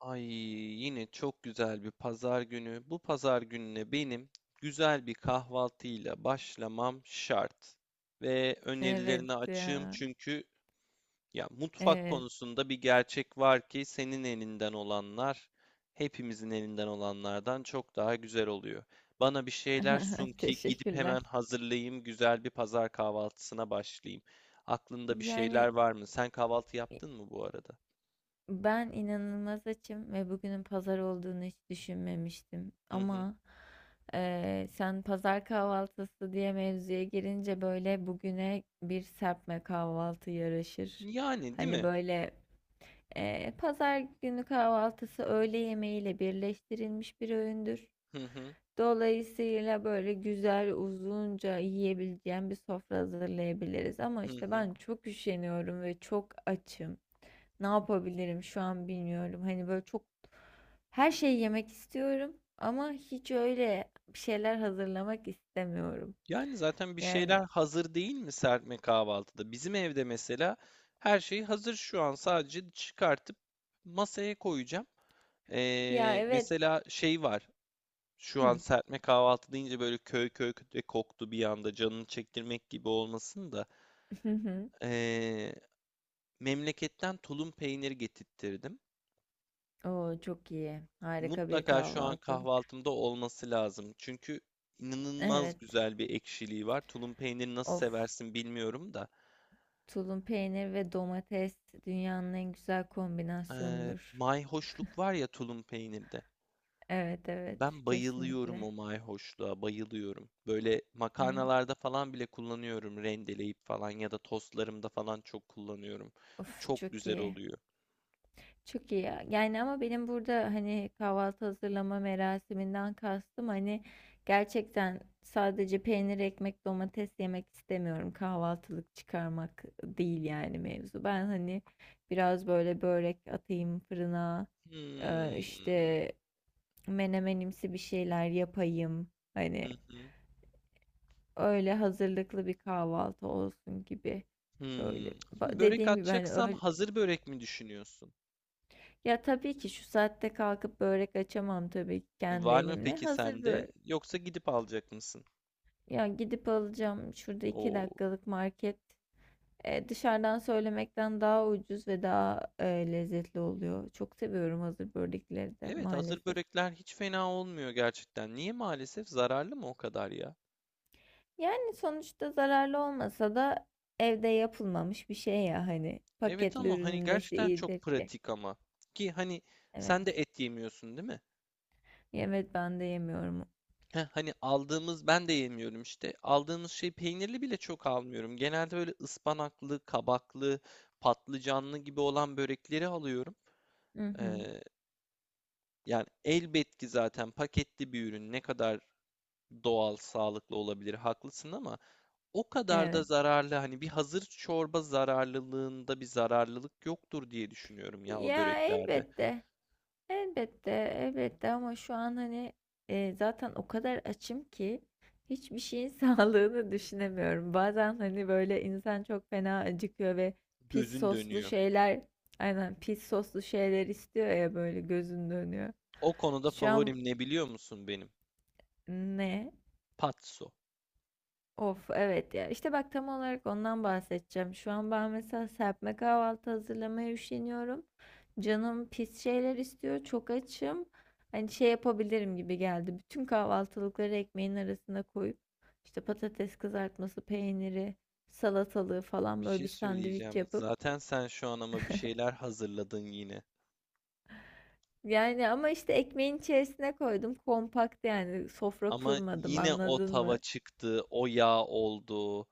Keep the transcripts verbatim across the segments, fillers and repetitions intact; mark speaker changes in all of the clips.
Speaker 1: Ay yine çok güzel bir pazar günü. Bu pazar gününe benim güzel bir kahvaltıyla başlamam şart. Ve
Speaker 2: Evet
Speaker 1: önerilerine açığım
Speaker 2: ya.
Speaker 1: çünkü ya mutfak
Speaker 2: Evet.
Speaker 1: konusunda bir gerçek var ki senin elinden olanlar hepimizin elinden olanlardan çok daha güzel oluyor. Bana bir şeyler sun ki gidip
Speaker 2: Teşekkürler.
Speaker 1: hemen hazırlayayım, güzel bir pazar kahvaltısına başlayayım. Aklında bir şeyler
Speaker 2: Yani
Speaker 1: var mı? Sen kahvaltı yaptın mı bu arada?
Speaker 2: ben inanılmaz açım ve bugünün pazar olduğunu hiç düşünmemiştim.
Speaker 1: Hı hı.
Speaker 2: Ama eee, sen pazar kahvaltısı diye mevzuya girince böyle bugüne bir serpme kahvaltı yaraşır.
Speaker 1: Yani değil
Speaker 2: Hani
Speaker 1: mi?
Speaker 2: böyle Ee, pazar günü kahvaltısı öğle yemeğiyle birleştirilmiş bir öğündür.
Speaker 1: Hı hı.
Speaker 2: Dolayısıyla böyle güzel uzunca yiyebileceğim bir sofra hazırlayabiliriz. Ama
Speaker 1: Hı
Speaker 2: işte
Speaker 1: hı.
Speaker 2: ben çok üşeniyorum ve çok açım. Ne yapabilirim şu an bilmiyorum. Hani böyle çok her şeyi yemek istiyorum ama hiç öyle bir şeyler hazırlamak istemiyorum.
Speaker 1: Yani zaten bir
Speaker 2: Yani
Speaker 1: şeyler hazır değil mi serpme kahvaltıda? Bizim evde mesela her şey hazır, şu an sadece çıkartıp masaya koyacağım.
Speaker 2: ya,
Speaker 1: Ee,
Speaker 2: evet.
Speaker 1: mesela şey var şu an.
Speaker 2: Hmm.
Speaker 1: Serpme kahvaltı deyince böyle köy köy köy koktu bir anda, canını çektirmek gibi olmasın da ee, memleketten tulum peyniri getirttirdim.
Speaker 2: Oo, çok iyi. Harika bir
Speaker 1: Mutlaka şu an
Speaker 2: kahvaltılık.
Speaker 1: kahvaltımda olması lazım. Çünkü inanılmaz
Speaker 2: Evet.
Speaker 1: güzel bir ekşiliği var. Tulum peyniri nasıl
Speaker 2: Of,
Speaker 1: seversin bilmiyorum da.
Speaker 2: tulum peynir ve domates dünyanın en güzel
Speaker 1: Eee,
Speaker 2: kombinasyonudur.
Speaker 1: mayhoşluk var ya tulum peynirde.
Speaker 2: Evet, evet,
Speaker 1: Ben bayılıyorum
Speaker 2: kesinlikle.
Speaker 1: o mayhoşluğa, bayılıyorum. Böyle
Speaker 2: Evet.
Speaker 1: makarnalarda falan bile kullanıyorum, rendeleyip falan ya da tostlarımda falan çok kullanıyorum.
Speaker 2: Of,
Speaker 1: Çok
Speaker 2: çok
Speaker 1: güzel
Speaker 2: iyi.
Speaker 1: oluyor.
Speaker 2: Çok iyi ya. Yani ama benim burada hani kahvaltı hazırlama merasiminden kastım hani gerçekten sadece peynir, ekmek, domates yemek istemiyorum. Kahvaltılık çıkarmak değil yani mevzu. Ben hani biraz böyle börek atayım fırına. Ee,
Speaker 1: Hmm.
Speaker 2: işte menemenimsi bir şeyler yapayım.
Speaker 1: Hı
Speaker 2: Hani
Speaker 1: hı.
Speaker 2: öyle hazırlıklı bir kahvaltı olsun gibi böyle.
Speaker 1: Hmm. Şimdi
Speaker 2: Ba-
Speaker 1: börek
Speaker 2: Dediğim gibi hani
Speaker 1: atacaksam,
Speaker 2: öyle
Speaker 1: hazır börek mi düşünüyorsun?
Speaker 2: ya, tabii ki şu saatte kalkıp börek açamam tabii ki kendi
Speaker 1: Var mı
Speaker 2: elimle.
Speaker 1: peki
Speaker 2: Hazır
Speaker 1: sende?
Speaker 2: börek.
Speaker 1: Yoksa gidip alacak mısın?
Speaker 2: Ya, gidip alacağım şurada iki
Speaker 1: Oo.
Speaker 2: dakikalık market. E, dışarıdan söylemekten daha ucuz ve daha e, lezzetli oluyor. Çok seviyorum hazır börekleri de
Speaker 1: Evet, hazır
Speaker 2: maalesef.
Speaker 1: börekler hiç fena olmuyor gerçekten. Niye maalesef, zararlı mı o kadar ya?
Speaker 2: Yani sonuçta zararlı olmasa da evde yapılmamış bir şey ya, hani
Speaker 1: Evet,
Speaker 2: paketli
Speaker 1: ama hani
Speaker 2: ürünün nesi
Speaker 1: gerçekten çok
Speaker 2: iyidir ki?
Speaker 1: pratik ama. Ki hani
Speaker 2: Evet.
Speaker 1: sen de et yemiyorsun değil mi?
Speaker 2: Evet, ben de yemiyorum.
Speaker 1: Heh, hani aldığımız, ben de yemiyorum işte. Aldığımız şey peynirli bile çok almıyorum. Genelde böyle ıspanaklı, kabaklı, patlıcanlı gibi olan börekleri alıyorum.
Speaker 2: Hı hı.
Speaker 1: Ee, Yani elbet ki zaten paketli bir ürün ne kadar doğal, sağlıklı olabilir, haklısın ama o kadar da
Speaker 2: Evet.
Speaker 1: zararlı, hani bir hazır çorba zararlılığında bir zararlılık yoktur diye düşünüyorum ya o
Speaker 2: Ya,
Speaker 1: böreklerde.
Speaker 2: elbette. Elbette, elbette, ama şu an hani e, zaten o kadar açım ki hiçbir şeyin sağlığını düşünemiyorum. Bazen hani böyle insan çok fena acıkıyor ve pis
Speaker 1: Gözün
Speaker 2: soslu
Speaker 1: dönüyor.
Speaker 2: şeyler, aynen, pis soslu şeyler istiyor ya, böyle gözün dönüyor.
Speaker 1: O konuda
Speaker 2: Şu an
Speaker 1: favorim ne biliyor musun benim?
Speaker 2: ne?
Speaker 1: Patso.
Speaker 2: Of, evet ya, işte bak, tam olarak ondan bahsedeceğim. Şu an ben mesela serpme kahvaltı hazırlamaya üşeniyorum. Canım pis şeyler istiyor. Çok açım. Hani şey yapabilirim gibi geldi. Bütün kahvaltılıkları ekmeğin arasına koyup işte patates kızartması, peyniri, salatalığı falan
Speaker 1: Bir
Speaker 2: böyle
Speaker 1: şey
Speaker 2: bir sandviç
Speaker 1: söyleyeceğim.
Speaker 2: yapıp
Speaker 1: Zaten sen şu an ama bir şeyler hazırladın yine.
Speaker 2: yani, ama işte ekmeğin içerisine koydum. Kompakt yani, sofra
Speaker 1: Ama
Speaker 2: kurmadım,
Speaker 1: yine o
Speaker 2: anladın
Speaker 1: tava
Speaker 2: mı?
Speaker 1: çıktı, o yağ oldu.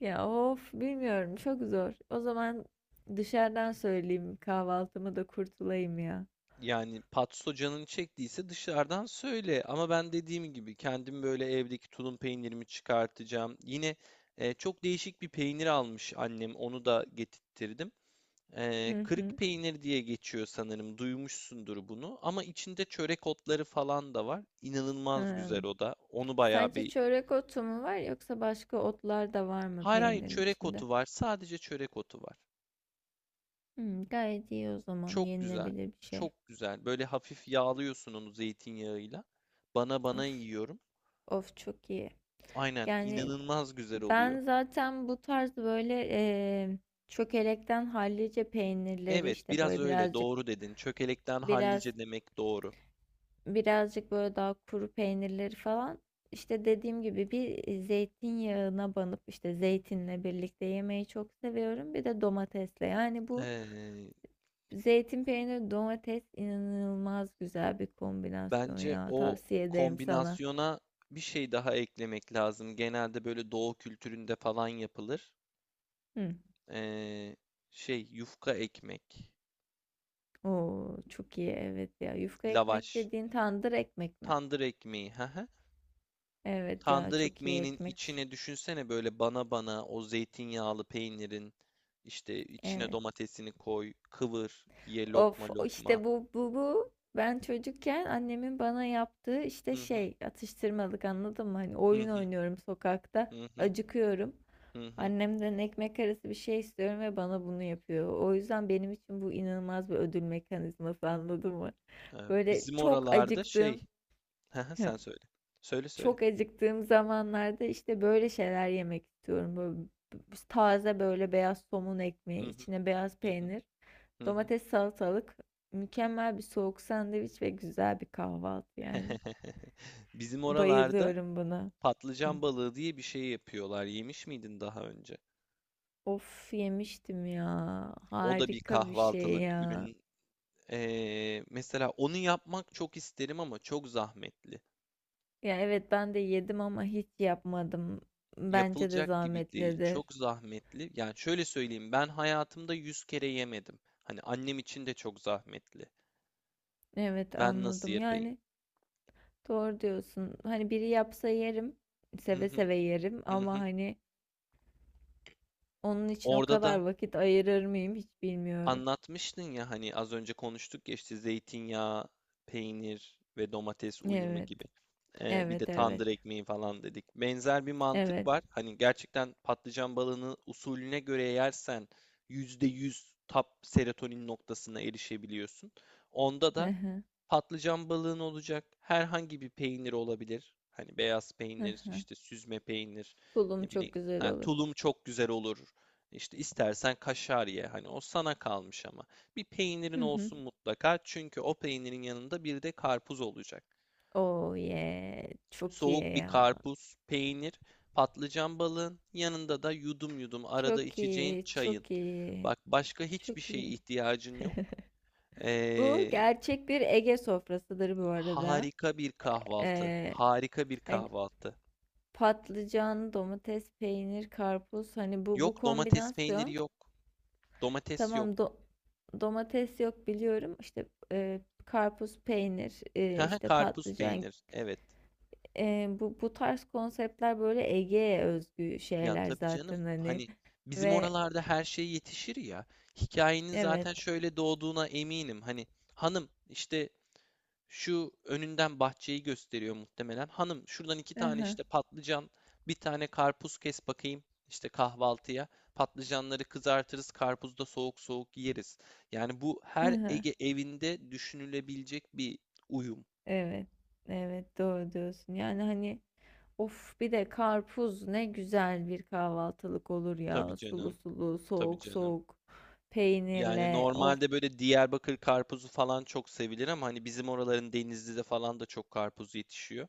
Speaker 2: Ya of, bilmiyorum, çok zor. O zaman dışarıdan söyleyeyim kahvaltımı da kurtulayım ya.
Speaker 1: Yani patso canını çektiyse dışarıdan söyle. Ama ben dediğim gibi kendim böyle evdeki tulum peynirimi çıkartacağım. Yine e, çok değişik bir peynir almış annem. Onu da getirttirdim. Ee,
Speaker 2: Hı
Speaker 1: kırık
Speaker 2: hı.
Speaker 1: peynir diye geçiyor sanırım. Duymuşsundur bunu. Ama içinde çörek otları falan da var. İnanılmaz güzel
Speaker 2: Hmm.
Speaker 1: o da. Onu bayağı
Speaker 2: Sadece
Speaker 1: bir...
Speaker 2: çörek otu mu var yoksa başka otlar da var mı
Speaker 1: Hayır hayır,
Speaker 2: peynirin
Speaker 1: çörek
Speaker 2: içinde?
Speaker 1: otu var. Sadece çörek otu var.
Speaker 2: Hmm, gayet iyi, o zaman
Speaker 1: Çok güzel.
Speaker 2: yenilebilir bir şey.
Speaker 1: Çok güzel. Böyle hafif yağlıyorsun onu zeytinyağıyla. Bana bana
Speaker 2: Of,
Speaker 1: yiyorum.
Speaker 2: of, çok iyi.
Speaker 1: Aynen,
Speaker 2: Yani
Speaker 1: inanılmaz güzel oluyor.
Speaker 2: ben zaten bu tarz böyle eee çökelekten hallice peynirleri
Speaker 1: Evet,
Speaker 2: işte
Speaker 1: biraz
Speaker 2: böyle
Speaker 1: öyle.
Speaker 2: birazcık,
Speaker 1: Doğru dedin. Çökelekten
Speaker 2: biraz
Speaker 1: hallice demek doğru.
Speaker 2: birazcık böyle daha kuru peynirleri falan işte dediğim gibi bir zeytinyağına banıp işte zeytinle birlikte yemeyi çok seviyorum. Bir de domatesle. Yani bu
Speaker 1: Ee,
Speaker 2: zeytin peyniri domates inanılmaz güzel bir kombinasyon
Speaker 1: Bence
Speaker 2: ya.
Speaker 1: o
Speaker 2: Tavsiye ederim sana.
Speaker 1: kombinasyona bir şey daha eklemek lazım. Genelde böyle doğu kültüründe falan yapılır.
Speaker 2: Hı.
Speaker 1: Ee, şey Yufka ekmek,
Speaker 2: Oo, çok iyi, evet ya. Yufka ekmek
Speaker 1: lavaş,
Speaker 2: dediğin tandır ekmek mi?
Speaker 1: tandır ekmeği. Hı hı.
Speaker 2: Evet ya,
Speaker 1: Tandır
Speaker 2: çok iyi
Speaker 1: ekmeğinin
Speaker 2: ekmek.
Speaker 1: içine düşünsene böyle bana bana, o zeytinyağlı peynirin işte içine
Speaker 2: Evet.
Speaker 1: domatesini koy, kıvır, ye lokma
Speaker 2: Of,
Speaker 1: lokma.
Speaker 2: işte bu bu bu ben çocukken annemin bana yaptığı
Speaker 1: Hı
Speaker 2: işte
Speaker 1: hı,
Speaker 2: şey, atıştırmalık, anladın mı? Hani
Speaker 1: hı
Speaker 2: oyun
Speaker 1: hı,
Speaker 2: oynuyorum sokakta,
Speaker 1: hı hı.
Speaker 2: acıkıyorum.
Speaker 1: Hı hı.
Speaker 2: Annemden ekmek arası bir şey istiyorum ve bana bunu yapıyor. O yüzden benim için bu inanılmaz bir ödül mekanizması anladın mı?
Speaker 1: Ee,
Speaker 2: Böyle
Speaker 1: Bizim
Speaker 2: çok
Speaker 1: oralarda şey,
Speaker 2: acıktığım
Speaker 1: hı hı, sen söyle. Söyle söyle.
Speaker 2: çok acıktığım zamanlarda işte böyle şeyler yemek istiyorum. Böyle taze, böyle beyaz somun ekmeği,
Speaker 1: Hı hı,
Speaker 2: içine beyaz
Speaker 1: hı hı.
Speaker 2: peynir.
Speaker 1: Hı hı.
Speaker 2: Domates, salatalık, mükemmel bir soğuk sandviç ve güzel bir kahvaltı yani.
Speaker 1: Bizim oralarda
Speaker 2: Bayılıyorum buna. Hı.
Speaker 1: patlıcan balığı diye bir şey yapıyorlar. Yemiş miydin daha önce?
Speaker 2: Of, yemiştim ya.
Speaker 1: O da bir
Speaker 2: Harika bir şey
Speaker 1: kahvaltılık
Speaker 2: ya.
Speaker 1: ürün. Ee, mesela onu yapmak çok isterim ama çok zahmetli.
Speaker 2: Ya evet, ben de yedim ama hiç yapmadım. Bence de
Speaker 1: Yapılacak gibi değil.
Speaker 2: zahmetlidir.
Speaker 1: Çok zahmetli. Yani şöyle söyleyeyim, ben hayatımda yüz kere yemedim. Hani annem için de çok zahmetli.
Speaker 2: Evet,
Speaker 1: Ben nasıl
Speaker 2: anladım.
Speaker 1: yapayım?
Speaker 2: Yani doğru diyorsun. Hani biri yapsa yerim.
Speaker 1: Hı
Speaker 2: Seve
Speaker 1: hı,
Speaker 2: seve yerim
Speaker 1: hı
Speaker 2: ama
Speaker 1: hı.
Speaker 2: hani onun için o
Speaker 1: Orada
Speaker 2: kadar
Speaker 1: da
Speaker 2: vakit ayırır mıyım hiç bilmiyorum.
Speaker 1: anlatmıştın ya, hani az önce konuştuk ya, işte zeytinyağı, peynir ve domates uyumu
Speaker 2: Evet.
Speaker 1: gibi. Ee, bir de
Speaker 2: Evet,
Speaker 1: tandır
Speaker 2: evet.
Speaker 1: ekmeği falan dedik. Benzer bir mantık
Speaker 2: Evet.
Speaker 1: var. Hani gerçekten patlıcan balığını usulüne göre yersen yüzde yüz tap serotonin noktasına erişebiliyorsun. Onda da patlıcan balığın olacak. Herhangi bir peynir olabilir. Hani beyaz peynir, işte süzme peynir,
Speaker 2: Tulum
Speaker 1: ne
Speaker 2: çok
Speaker 1: bileyim.
Speaker 2: güzel
Speaker 1: Ha,
Speaker 2: olur.
Speaker 1: tulum çok güzel olur. İşte istersen kaşar ye. Hani o sana kalmış ama. Bir peynirin
Speaker 2: Hı hı.
Speaker 1: olsun mutlaka. Çünkü o peynirin yanında bir de karpuz olacak.
Speaker 2: Oh yeah. Çok iyi
Speaker 1: Soğuk bir
Speaker 2: ya.
Speaker 1: karpuz, peynir, patlıcan balığın yanında da yudum yudum arada
Speaker 2: Çok
Speaker 1: içeceğin
Speaker 2: iyi.
Speaker 1: çayın.
Speaker 2: Çok iyi.
Speaker 1: Bak, başka hiçbir
Speaker 2: Çok
Speaker 1: şeye
Speaker 2: iyi.
Speaker 1: ihtiyacın yok.
Speaker 2: Bu
Speaker 1: Ee,
Speaker 2: gerçek bir Ege sofrasıdır bu arada.
Speaker 1: Harika bir kahvaltı.
Speaker 2: Ee,
Speaker 1: Harika bir
Speaker 2: hani
Speaker 1: kahvaltı.
Speaker 2: patlıcan, domates, peynir, karpuz, hani bu
Speaker 1: Yok,
Speaker 2: bu
Speaker 1: domates peyniri
Speaker 2: kombinasyon,
Speaker 1: yok. Domates yok.
Speaker 2: tamam, do- domates yok biliyorum. İşte e, karpuz, peynir, e,
Speaker 1: Haha,
Speaker 2: işte
Speaker 1: karpuz
Speaker 2: patlıcan,
Speaker 1: peynir. Evet.
Speaker 2: e, bu bu tarz konseptler böyle Ege'ye özgü
Speaker 1: Ya
Speaker 2: şeyler
Speaker 1: tabii canım.
Speaker 2: zaten hani
Speaker 1: Hani bizim
Speaker 2: ve
Speaker 1: oralarda her şey yetişir ya. Hikayenin
Speaker 2: Evet.
Speaker 1: zaten şöyle doğduğuna eminim. Hani hanım işte, şu önünden bahçeyi gösteriyor muhtemelen: hanım şuradan iki tane
Speaker 2: Aha,
Speaker 1: işte patlıcan, bir tane karpuz kes bakayım işte kahvaltıya. Patlıcanları kızartırız, karpuzu da soğuk soğuk yeriz. Yani bu her
Speaker 2: aha.
Speaker 1: Ege evinde düşünülebilecek bir uyum.
Speaker 2: Evet. Evet, doğru diyorsun. Yani hani of, bir de karpuz ne güzel bir kahvaltılık olur
Speaker 1: Tabii
Speaker 2: ya. Sulu
Speaker 1: canım.
Speaker 2: sulu,
Speaker 1: Tabii
Speaker 2: soğuk
Speaker 1: canım.
Speaker 2: soğuk,
Speaker 1: Yani
Speaker 2: peynirle. Of.
Speaker 1: normalde böyle Diyarbakır karpuzu falan çok sevilir ama hani bizim oraların Denizli'de falan da çok karpuz yetişiyor.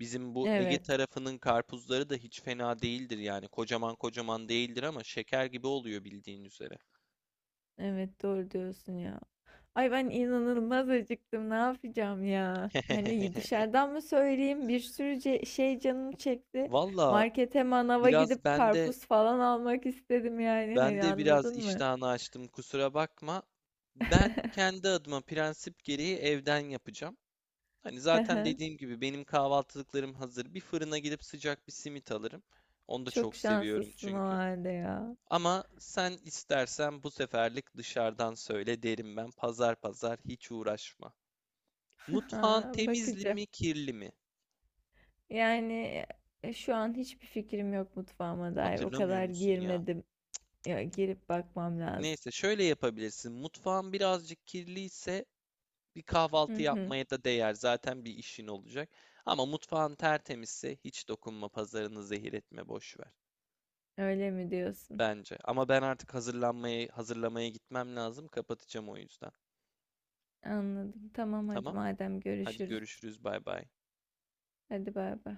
Speaker 1: Bizim bu Ege
Speaker 2: Evet.
Speaker 1: tarafının karpuzları da hiç fena değildir yani. Kocaman kocaman değildir ama şeker gibi oluyor, bildiğin üzere.
Speaker 2: Evet, doğru diyorsun ya. Ay ben inanılmaz acıktım. Ne yapacağım ya? Hani dışarıdan mı söyleyeyim? Bir sürü ce- şey canım çekti.
Speaker 1: Valla
Speaker 2: Markete, manava
Speaker 1: biraz
Speaker 2: gidip
Speaker 1: ben de,
Speaker 2: karpuz falan almak istedim yani.
Speaker 1: ben
Speaker 2: Hani
Speaker 1: de biraz
Speaker 2: anladın mı?
Speaker 1: iştahını açtım, kusura bakma. Ben kendi adıma prensip gereği evden yapacağım. Hani zaten dediğim gibi benim kahvaltılıklarım hazır. Bir fırına gidip sıcak bir simit alırım. Onu da
Speaker 2: Çok
Speaker 1: çok seviyorum
Speaker 2: şanslısın o
Speaker 1: çünkü.
Speaker 2: halde ya.
Speaker 1: Ama sen istersen bu seferlik dışarıdan söyle derim ben. Pazar pazar hiç uğraşma. Mutfağın
Speaker 2: Ha,
Speaker 1: temizli
Speaker 2: bakacağım.
Speaker 1: mi, kirli mi?
Speaker 2: Yani e, şu an hiçbir fikrim yok mutfağıma dair. O
Speaker 1: Hatırlamıyor
Speaker 2: kadar
Speaker 1: musun ya?
Speaker 2: girmedim. Ya, girip bakmam lazım.
Speaker 1: Neyse, şöyle yapabilirsin. Mutfağın birazcık kirliyse bir
Speaker 2: Hı
Speaker 1: kahvaltı
Speaker 2: hı.
Speaker 1: yapmaya da değer. Zaten bir işin olacak. Ama mutfağın tertemizse hiç dokunma, pazarını zehir etme, boş ver.
Speaker 2: Öyle mi diyorsun?
Speaker 1: Bence. Ama ben artık hazırlanmaya, hazırlamaya gitmem lazım. Kapatacağım o yüzden.
Speaker 2: Anladım. Tamam, hadi
Speaker 1: Tamam.
Speaker 2: madem,
Speaker 1: Hadi
Speaker 2: görüşürüz.
Speaker 1: görüşürüz. Bay bay.
Speaker 2: Hadi bay bay.